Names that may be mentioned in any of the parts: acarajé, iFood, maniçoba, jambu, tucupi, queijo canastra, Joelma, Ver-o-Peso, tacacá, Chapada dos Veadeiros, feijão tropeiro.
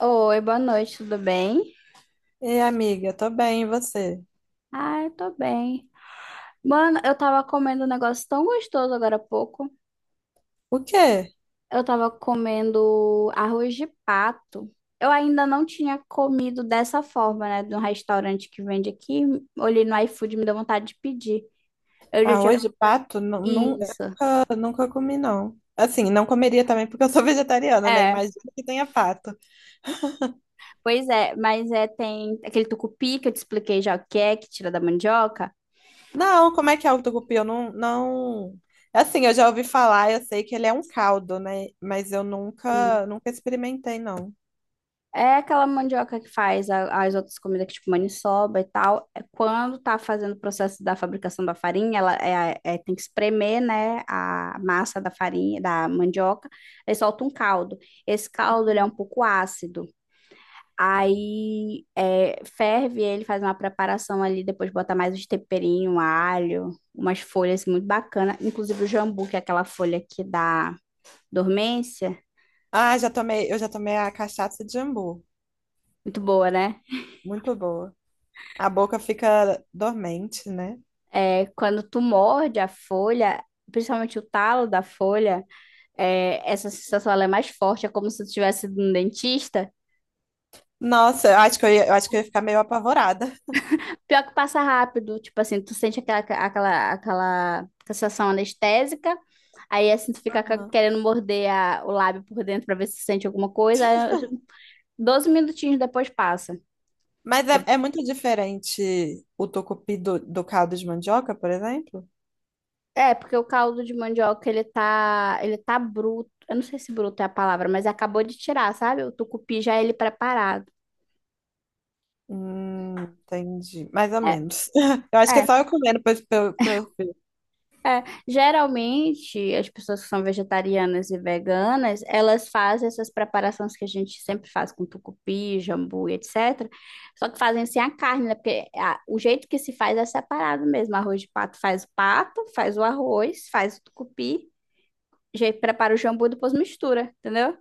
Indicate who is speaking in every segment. Speaker 1: Oi, boa noite, tudo bem?
Speaker 2: E amiga, tô bem, e você?
Speaker 1: Ah, eu tô bem. Mano, eu tava comendo um negócio tão gostoso agora há pouco.
Speaker 2: O quê?
Speaker 1: Eu tava comendo arroz de pato. Eu ainda não tinha comido dessa forma, né? De um restaurante que vende aqui. Olhei no iFood, me deu vontade de pedir. Eu já tinha.
Speaker 2: Arroz de pato? Não, não,
Speaker 1: Isso.
Speaker 2: eu nunca comi, não. Assim, não comeria também porque eu sou vegetariana, né?
Speaker 1: É,
Speaker 2: Imagina que tenha pato.
Speaker 1: pois é, mas é, tem aquele tucupi que eu te expliquei já o que é, que tira da mandioca.
Speaker 2: Não, como é que é o tucupi? Eu não, não... Assim, eu já ouvi falar, eu sei que ele é um caldo, né? Mas eu nunca experimentei, não.
Speaker 1: É aquela mandioca que faz as outras comidas, que tipo maniçoba e tal. É. Quando tá fazendo o processo da fabricação da farinha, ela tem que espremer, né, a massa da farinha, da mandioca, aí solta um caldo. Esse caldo, ele é um pouco ácido. Aí é, ferve ele, faz uma preparação ali, depois bota mais uns temperinhos, alho, umas folhas assim, muito bacana. Inclusive o jambu, que é aquela folha que dá dormência.
Speaker 2: Ah, já tomei, eu já tomei a cachaça de jambu.
Speaker 1: Muito boa, né?
Speaker 2: Muito boa. A boca fica dormente, né?
Speaker 1: É, quando tu morde a folha, principalmente o talo da folha, é, essa sensação ela é mais forte, é como se tu tivesse ido no dentista.
Speaker 2: Nossa, eu acho que eu ia, eu acho que eu ia ficar meio apavorada.
Speaker 1: Pior que passa rápido, tipo assim, tu sente aquela sensação anestésica, aí assim tu fica querendo morder o lábio por dentro pra ver se sente alguma coisa, aí, 12 minutinhos depois passa.
Speaker 2: Mas é, é muito diferente o tocupi do caldo de mandioca, por exemplo?
Speaker 1: Porque o caldo de mandioca ele tá bruto. Eu não sei se bruto é a palavra, mas acabou de tirar, sabe? O tucupi já é ele preparado.
Speaker 2: Entendi. Mais ou
Speaker 1: É,
Speaker 2: menos. Eu acho que é
Speaker 1: é,
Speaker 2: só eu comendo pra eu ver.
Speaker 1: Geralmente, as pessoas que são vegetarianas e veganas, elas fazem essas preparações que a gente sempre faz com tucupi, jambu e etc. Só que fazem sem a carne, né? Porque o jeito que se faz é separado mesmo. Arroz de pato, faz o arroz, faz o tucupi, já prepara o jambu e depois mistura, entendeu?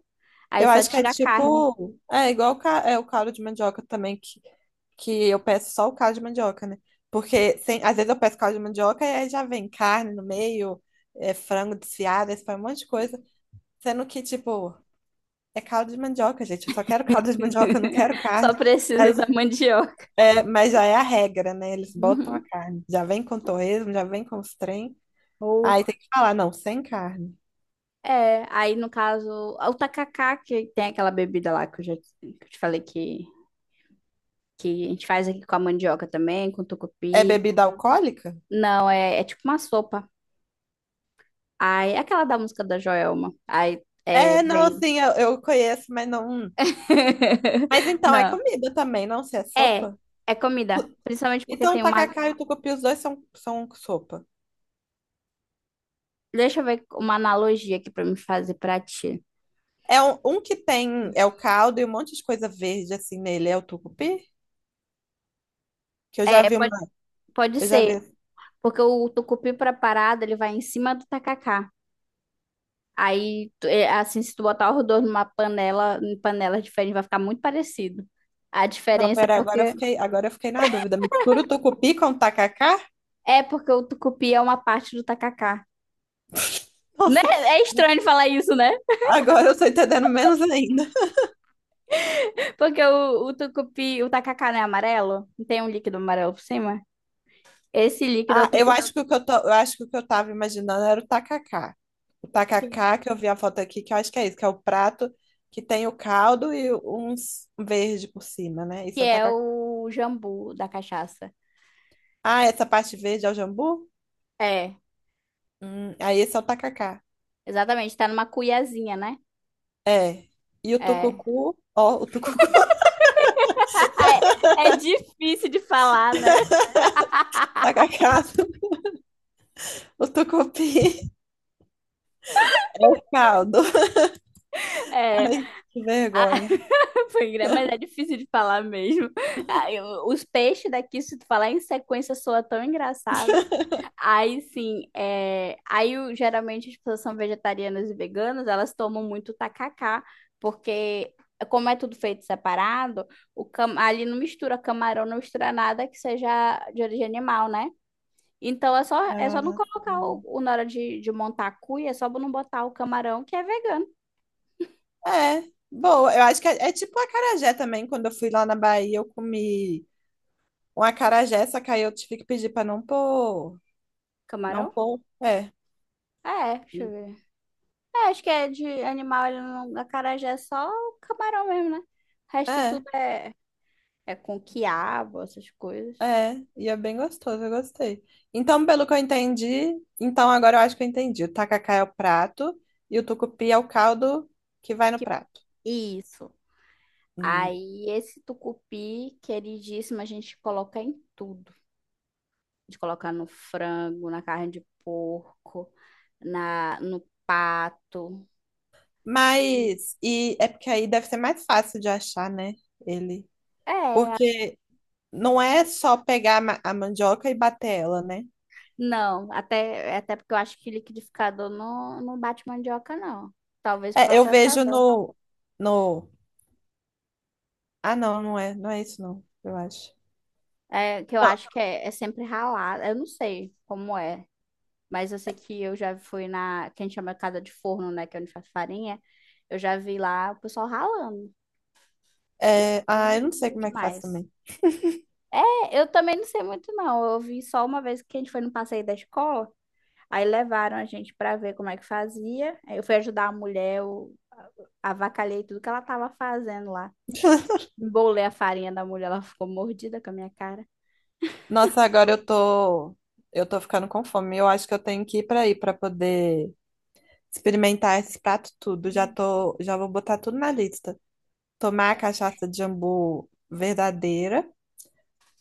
Speaker 1: Aí
Speaker 2: Eu
Speaker 1: só
Speaker 2: acho que é
Speaker 1: tira a carne.
Speaker 2: tipo. É igual o, é, o caldo de mandioca também, que eu peço só o caldo de mandioca, né? Porque sem, às vezes eu peço caldo de mandioca e aí já vem carne no meio, é, frango desfiado, esse um monte de coisa. Sendo que, tipo, é caldo de mandioca, gente. Eu só quero caldo de mandioca, eu não quero
Speaker 1: Só
Speaker 2: carne.
Speaker 1: precisa da mandioca.
Speaker 2: É, mas já é a regra, né? Eles botam a
Speaker 1: Uhum.
Speaker 2: carne. Já vem com torresmo, já vem com os trem. Aí tem que falar, não, sem carne.
Speaker 1: É, aí no caso, o tacacá, que tem aquela bebida lá que eu te falei que a gente faz aqui com a mandioca também, com
Speaker 2: É
Speaker 1: tucupi.
Speaker 2: bebida alcoólica?
Speaker 1: Não, é tipo uma sopa. Aí, é aquela da música da Joelma. Aí, é,
Speaker 2: É, não,
Speaker 1: vem.
Speaker 2: sim, eu conheço, mas não. Mas então é
Speaker 1: Não,
Speaker 2: comida também, não se é
Speaker 1: é,
Speaker 2: sopa?
Speaker 1: é comida.
Speaker 2: O-
Speaker 1: Principalmente porque
Speaker 2: Então, o
Speaker 1: tem uma.
Speaker 2: tacacá e o tucupi, os dois são, são sopa.
Speaker 1: Deixa eu ver uma analogia aqui pra me fazer pra ti.
Speaker 2: É um que tem, é o caldo e um monte de coisa verde assim nele, é o tucupi? Que eu já
Speaker 1: É,
Speaker 2: vi uma,
Speaker 1: pode
Speaker 2: eu já
Speaker 1: ser.
Speaker 2: vi.
Speaker 1: Porque o tucupi preparado, ele vai em cima do tacacá. Aí, é, assim, se tu botar os dois numa panela, em panelas diferentes, vai ficar muito parecido. A
Speaker 2: Não,
Speaker 1: diferença é
Speaker 2: pera, agora eu
Speaker 1: porque
Speaker 2: fiquei, agora eu fiquei na dúvida. Mistura o tucupi com o tacacá?
Speaker 1: é porque o tucupi é uma parte do tacacá. Né?
Speaker 2: Nossa,
Speaker 1: É estranho falar isso, né?
Speaker 2: agora eu tô entendendo menos ainda.
Speaker 1: Porque o tucupi, o tacacá não é amarelo? Não tem um líquido amarelo por cima? Esse líquido é o
Speaker 2: Ah, eu
Speaker 1: tucupi,
Speaker 2: acho que o que eu tô, eu acho que o que eu tava imaginando era o tacacá. O tacacá, que eu vi a foto aqui, que eu acho que é isso, que é o prato que tem o caldo e uns verde por cima, né?
Speaker 1: que
Speaker 2: Isso é o
Speaker 1: é
Speaker 2: tacacá.
Speaker 1: o jambu da cachaça.
Speaker 2: Ah, essa parte verde é o jambu?
Speaker 1: É,
Speaker 2: Aí esse é o tacacá.
Speaker 1: exatamente, tá numa cuiazinha, né?
Speaker 2: É. E o
Speaker 1: É.
Speaker 2: tucucu, ó, o tucucu,
Speaker 1: É difícil de falar, né?
Speaker 2: tacacá, o tucupi, caldo.
Speaker 1: É.
Speaker 2: Ai, que vergonha.
Speaker 1: Mas é difícil de falar mesmo. Ah, os peixes daqui, se tu falar em sequência, soa tão engraçado. Aí sim, geralmente as pessoas são vegetarianas e veganas, elas tomam muito tacacá, porque como é tudo feito separado, ali não mistura camarão, não mistura nada que seja de origem animal, né? Então é só não
Speaker 2: Ah,
Speaker 1: colocar na hora de montar a cuia, é só não botar o camarão que é vegano.
Speaker 2: é, boa. Eu acho que é, é tipo a acarajé também. Quando eu fui lá na Bahia, eu comi um acarajé, só que aí eu tive que pedir pra não pôr. Não
Speaker 1: Camarão?
Speaker 2: pôr. É.
Speaker 1: É, deixa eu ver. É, acho que é de animal, ele não, acarajé é só o camarão mesmo, né? O resto
Speaker 2: É,
Speaker 1: tudo é, é com quiabo, essas coisas.
Speaker 2: é. E é bem gostoso, eu gostei. Então, pelo que eu entendi, então agora eu acho que eu entendi. O tacacá é o prato e o tucupi é o caldo que vai no
Speaker 1: Que-
Speaker 2: prato.
Speaker 1: Isso.
Speaker 2: Hum.
Speaker 1: Aí esse tucupi, queridíssimo, a gente coloca em tudo. A gente coloca no frango, na carne de porco, na, no pato.
Speaker 2: Mas, e é porque aí deve ser mais fácil de achar, né? Ele.
Speaker 1: É,
Speaker 2: Porque não é só pegar a a mandioca e bater ela, né?
Speaker 1: não, é até porque eu acho que liquidificador não bate mandioca, não. Talvez
Speaker 2: É, eu vejo
Speaker 1: processador.
Speaker 2: no. Ah, não é. Não é isso, não, eu acho.
Speaker 1: É, que eu
Speaker 2: Não,
Speaker 1: acho que é, é sempre ralado. Eu não sei como é, mas eu sei que eu já fui na, que a gente chama casa de forno, né, que é onde faz farinha. Eu já vi lá o pessoal ralando. E é
Speaker 2: é. Ah, eu não sei
Speaker 1: duro
Speaker 2: como é que faz
Speaker 1: demais.
Speaker 2: também.
Speaker 1: É, eu também não sei muito não. Eu vi só uma vez que a gente foi no passeio da escola, aí levaram a gente para ver como é que fazia. Aí eu fui ajudar a mulher, eu avacalhei tudo que ela tava fazendo lá. Embolei a farinha da mulher, ela ficou mordida com a minha cara.
Speaker 2: Nossa, agora eu tô. Eu tô ficando com fome. Eu acho que eu tenho que ir pra aí pra poder experimentar esse prato tudo. Já tô. Já vou botar tudo na lista. Tomar a cachaça de jambu verdadeira.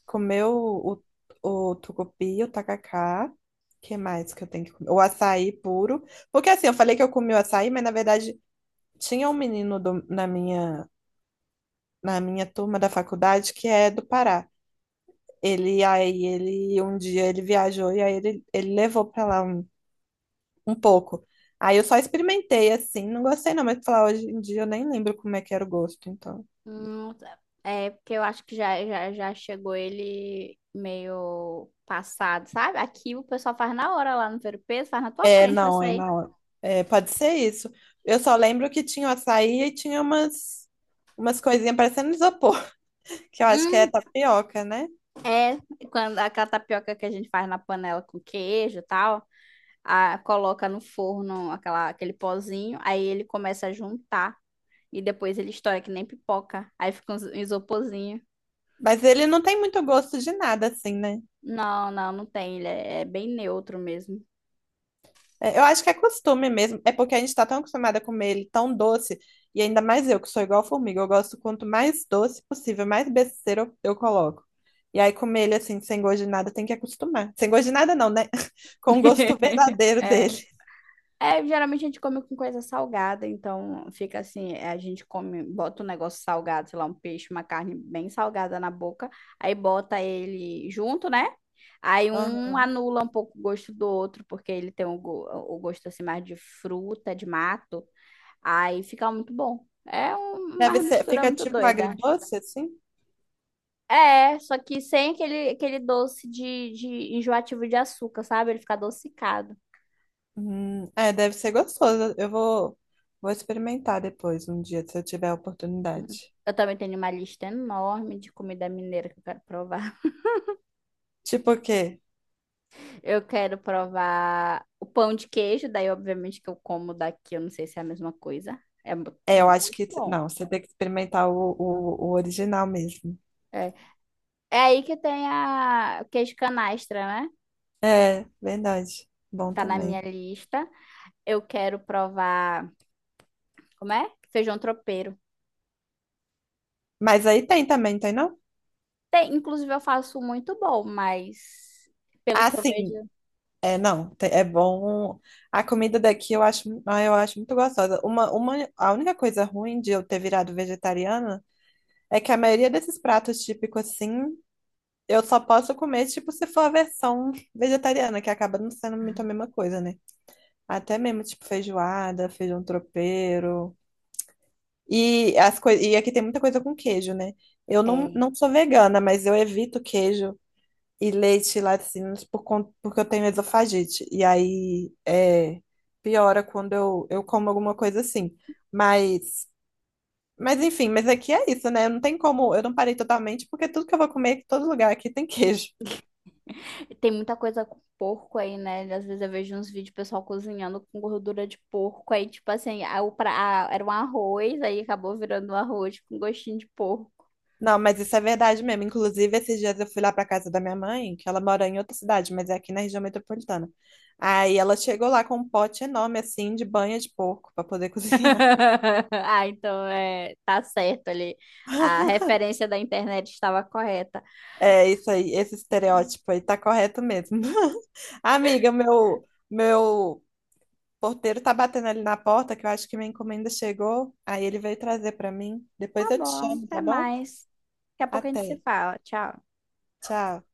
Speaker 2: Comer o tucupi, o tacacá. O que mais que eu tenho que comer? O açaí puro. Porque assim, eu falei que eu comi o açaí, mas na verdade. Tinha um menino na minha turma da faculdade que é do Pará. Ele aí ele um dia ele viajou e aí ele levou pra lá um pouco. Aí eu só experimentei assim, não gostei não, mas falar hoje em dia eu nem lembro como é que era o gosto, então.
Speaker 1: Nossa. É, porque eu acho que já chegou ele meio passado, sabe? Aqui o pessoal faz na hora lá no Ver-o-Peso, faz na tua
Speaker 2: É,
Speaker 1: frente, vai
Speaker 2: não, é
Speaker 1: sair.
Speaker 2: não. É, pode ser isso. Eu só lembro que tinha o açaí e tinha umas coisinhas parecendo isopor, que eu acho que é
Speaker 1: Hum,
Speaker 2: tapioca, né?
Speaker 1: É, quando aquela tapioca que a gente faz na panela com queijo e tal, a, coloca no forno aquela, aquele pozinho, aí ele começa a juntar e depois ele estoura que nem pipoca, aí fica um isoporzinho.
Speaker 2: Mas ele não tem muito gosto de nada assim, né?
Speaker 1: Não tem, ele é bem neutro mesmo.
Speaker 2: É, eu acho que é costume mesmo, é porque a gente tá tão acostumada a comer ele tão doce, e ainda mais eu, que sou igual formiga, eu gosto quanto mais doce possível, mais besteira eu coloco. E aí comer ele assim, sem gosto de nada, tem que acostumar. Sem gosto de nada não, né? Com o gosto verdadeiro
Speaker 1: É,
Speaker 2: dele.
Speaker 1: Geralmente a gente come com coisa salgada, então fica assim, é, a gente come, bota um negócio salgado, sei lá, um peixe, uma carne bem salgada na boca, aí bota ele junto, né? Aí um
Speaker 2: Aham.
Speaker 1: anula um pouco o gosto do outro, porque ele tem o gosto assim mais de fruta, de mato, aí fica muito bom.
Speaker 2: Deve
Speaker 1: Uma
Speaker 2: ser,
Speaker 1: mistura
Speaker 2: fica
Speaker 1: muito
Speaker 2: tipo
Speaker 1: doida.
Speaker 2: agridoce assim?
Speaker 1: É, só que sem aquele, aquele doce de enjoativo de açúcar, sabe? Ele fica adocicado.
Speaker 2: É, deve ser gostoso. Vou experimentar depois, um dia, se eu tiver a
Speaker 1: Uhum.
Speaker 2: oportunidade.
Speaker 1: Eu também tenho uma lista enorme de comida mineira que eu quero provar.
Speaker 2: Tipo o quê?
Speaker 1: Eu quero provar o pão de queijo, daí obviamente que eu como daqui, eu não sei se é a mesma coisa. É
Speaker 2: É, eu acho
Speaker 1: muito
Speaker 2: que.
Speaker 1: bom.
Speaker 2: Não, você tem que experimentar o original mesmo.
Speaker 1: É, é, aí que tem a o queijo canastra, né?
Speaker 2: É, verdade. Bom
Speaker 1: Tá na minha
Speaker 2: também.
Speaker 1: lista. Eu quero provar, como é? Feijão tropeiro.
Speaker 2: Mas aí tem também, tem não?
Speaker 1: Tem, inclusive eu faço muito bom, mas pelo
Speaker 2: Ah,
Speaker 1: que eu vejo,
Speaker 2: sim. É, não. É bom. A comida daqui eu acho, ah, eu acho muito gostosa. A única coisa ruim de eu ter virado vegetariana é que a maioria desses pratos típicos, assim, eu só posso comer, tipo, se for a versão vegetariana, que acaba não sendo muito a mesma coisa, né? Até mesmo, tipo, feijoada, feijão tropeiro. E, e aqui tem muita coisa com queijo, né? Eu não,
Speaker 1: é.
Speaker 2: não sou vegana, mas eu evito queijo e leite e laticínios por conta, porque eu tenho esofagite. E aí é, piora quando eu como alguma coisa assim. Mas, mas enfim, mas aqui é isso, né? Não tem como, eu não parei totalmente, porque tudo que eu vou comer, todo lugar aqui tem queijo.
Speaker 1: Tem muita coisa com porco aí, né? Às vezes eu vejo uns vídeos pessoal cozinhando com gordura de porco. Aí, tipo assim, a, o pra, a- era um arroz, aí acabou virando um arroz com gostinho de porco.
Speaker 2: Não, mas isso é verdade mesmo. Inclusive, esses dias eu fui lá pra casa da minha mãe, que ela mora em outra cidade, mas é aqui na região metropolitana. Aí ela chegou lá com um pote enorme, assim, de banha de porco pra poder cozinhar.
Speaker 1: Ah, então é, tá certo ali. A referência da internet estava correta.
Speaker 2: É isso aí, esse estereótipo aí tá correto mesmo. Amiga, meu porteiro tá batendo ali na porta, que eu acho que minha encomenda chegou. Aí ele veio trazer pra mim.
Speaker 1: Tá
Speaker 2: Depois eu te
Speaker 1: bom,
Speaker 2: chamo,
Speaker 1: até
Speaker 2: tá bom?
Speaker 1: mais. Daqui a pouco a gente
Speaker 2: Até.
Speaker 1: se fala. Tchau.
Speaker 2: Tchau.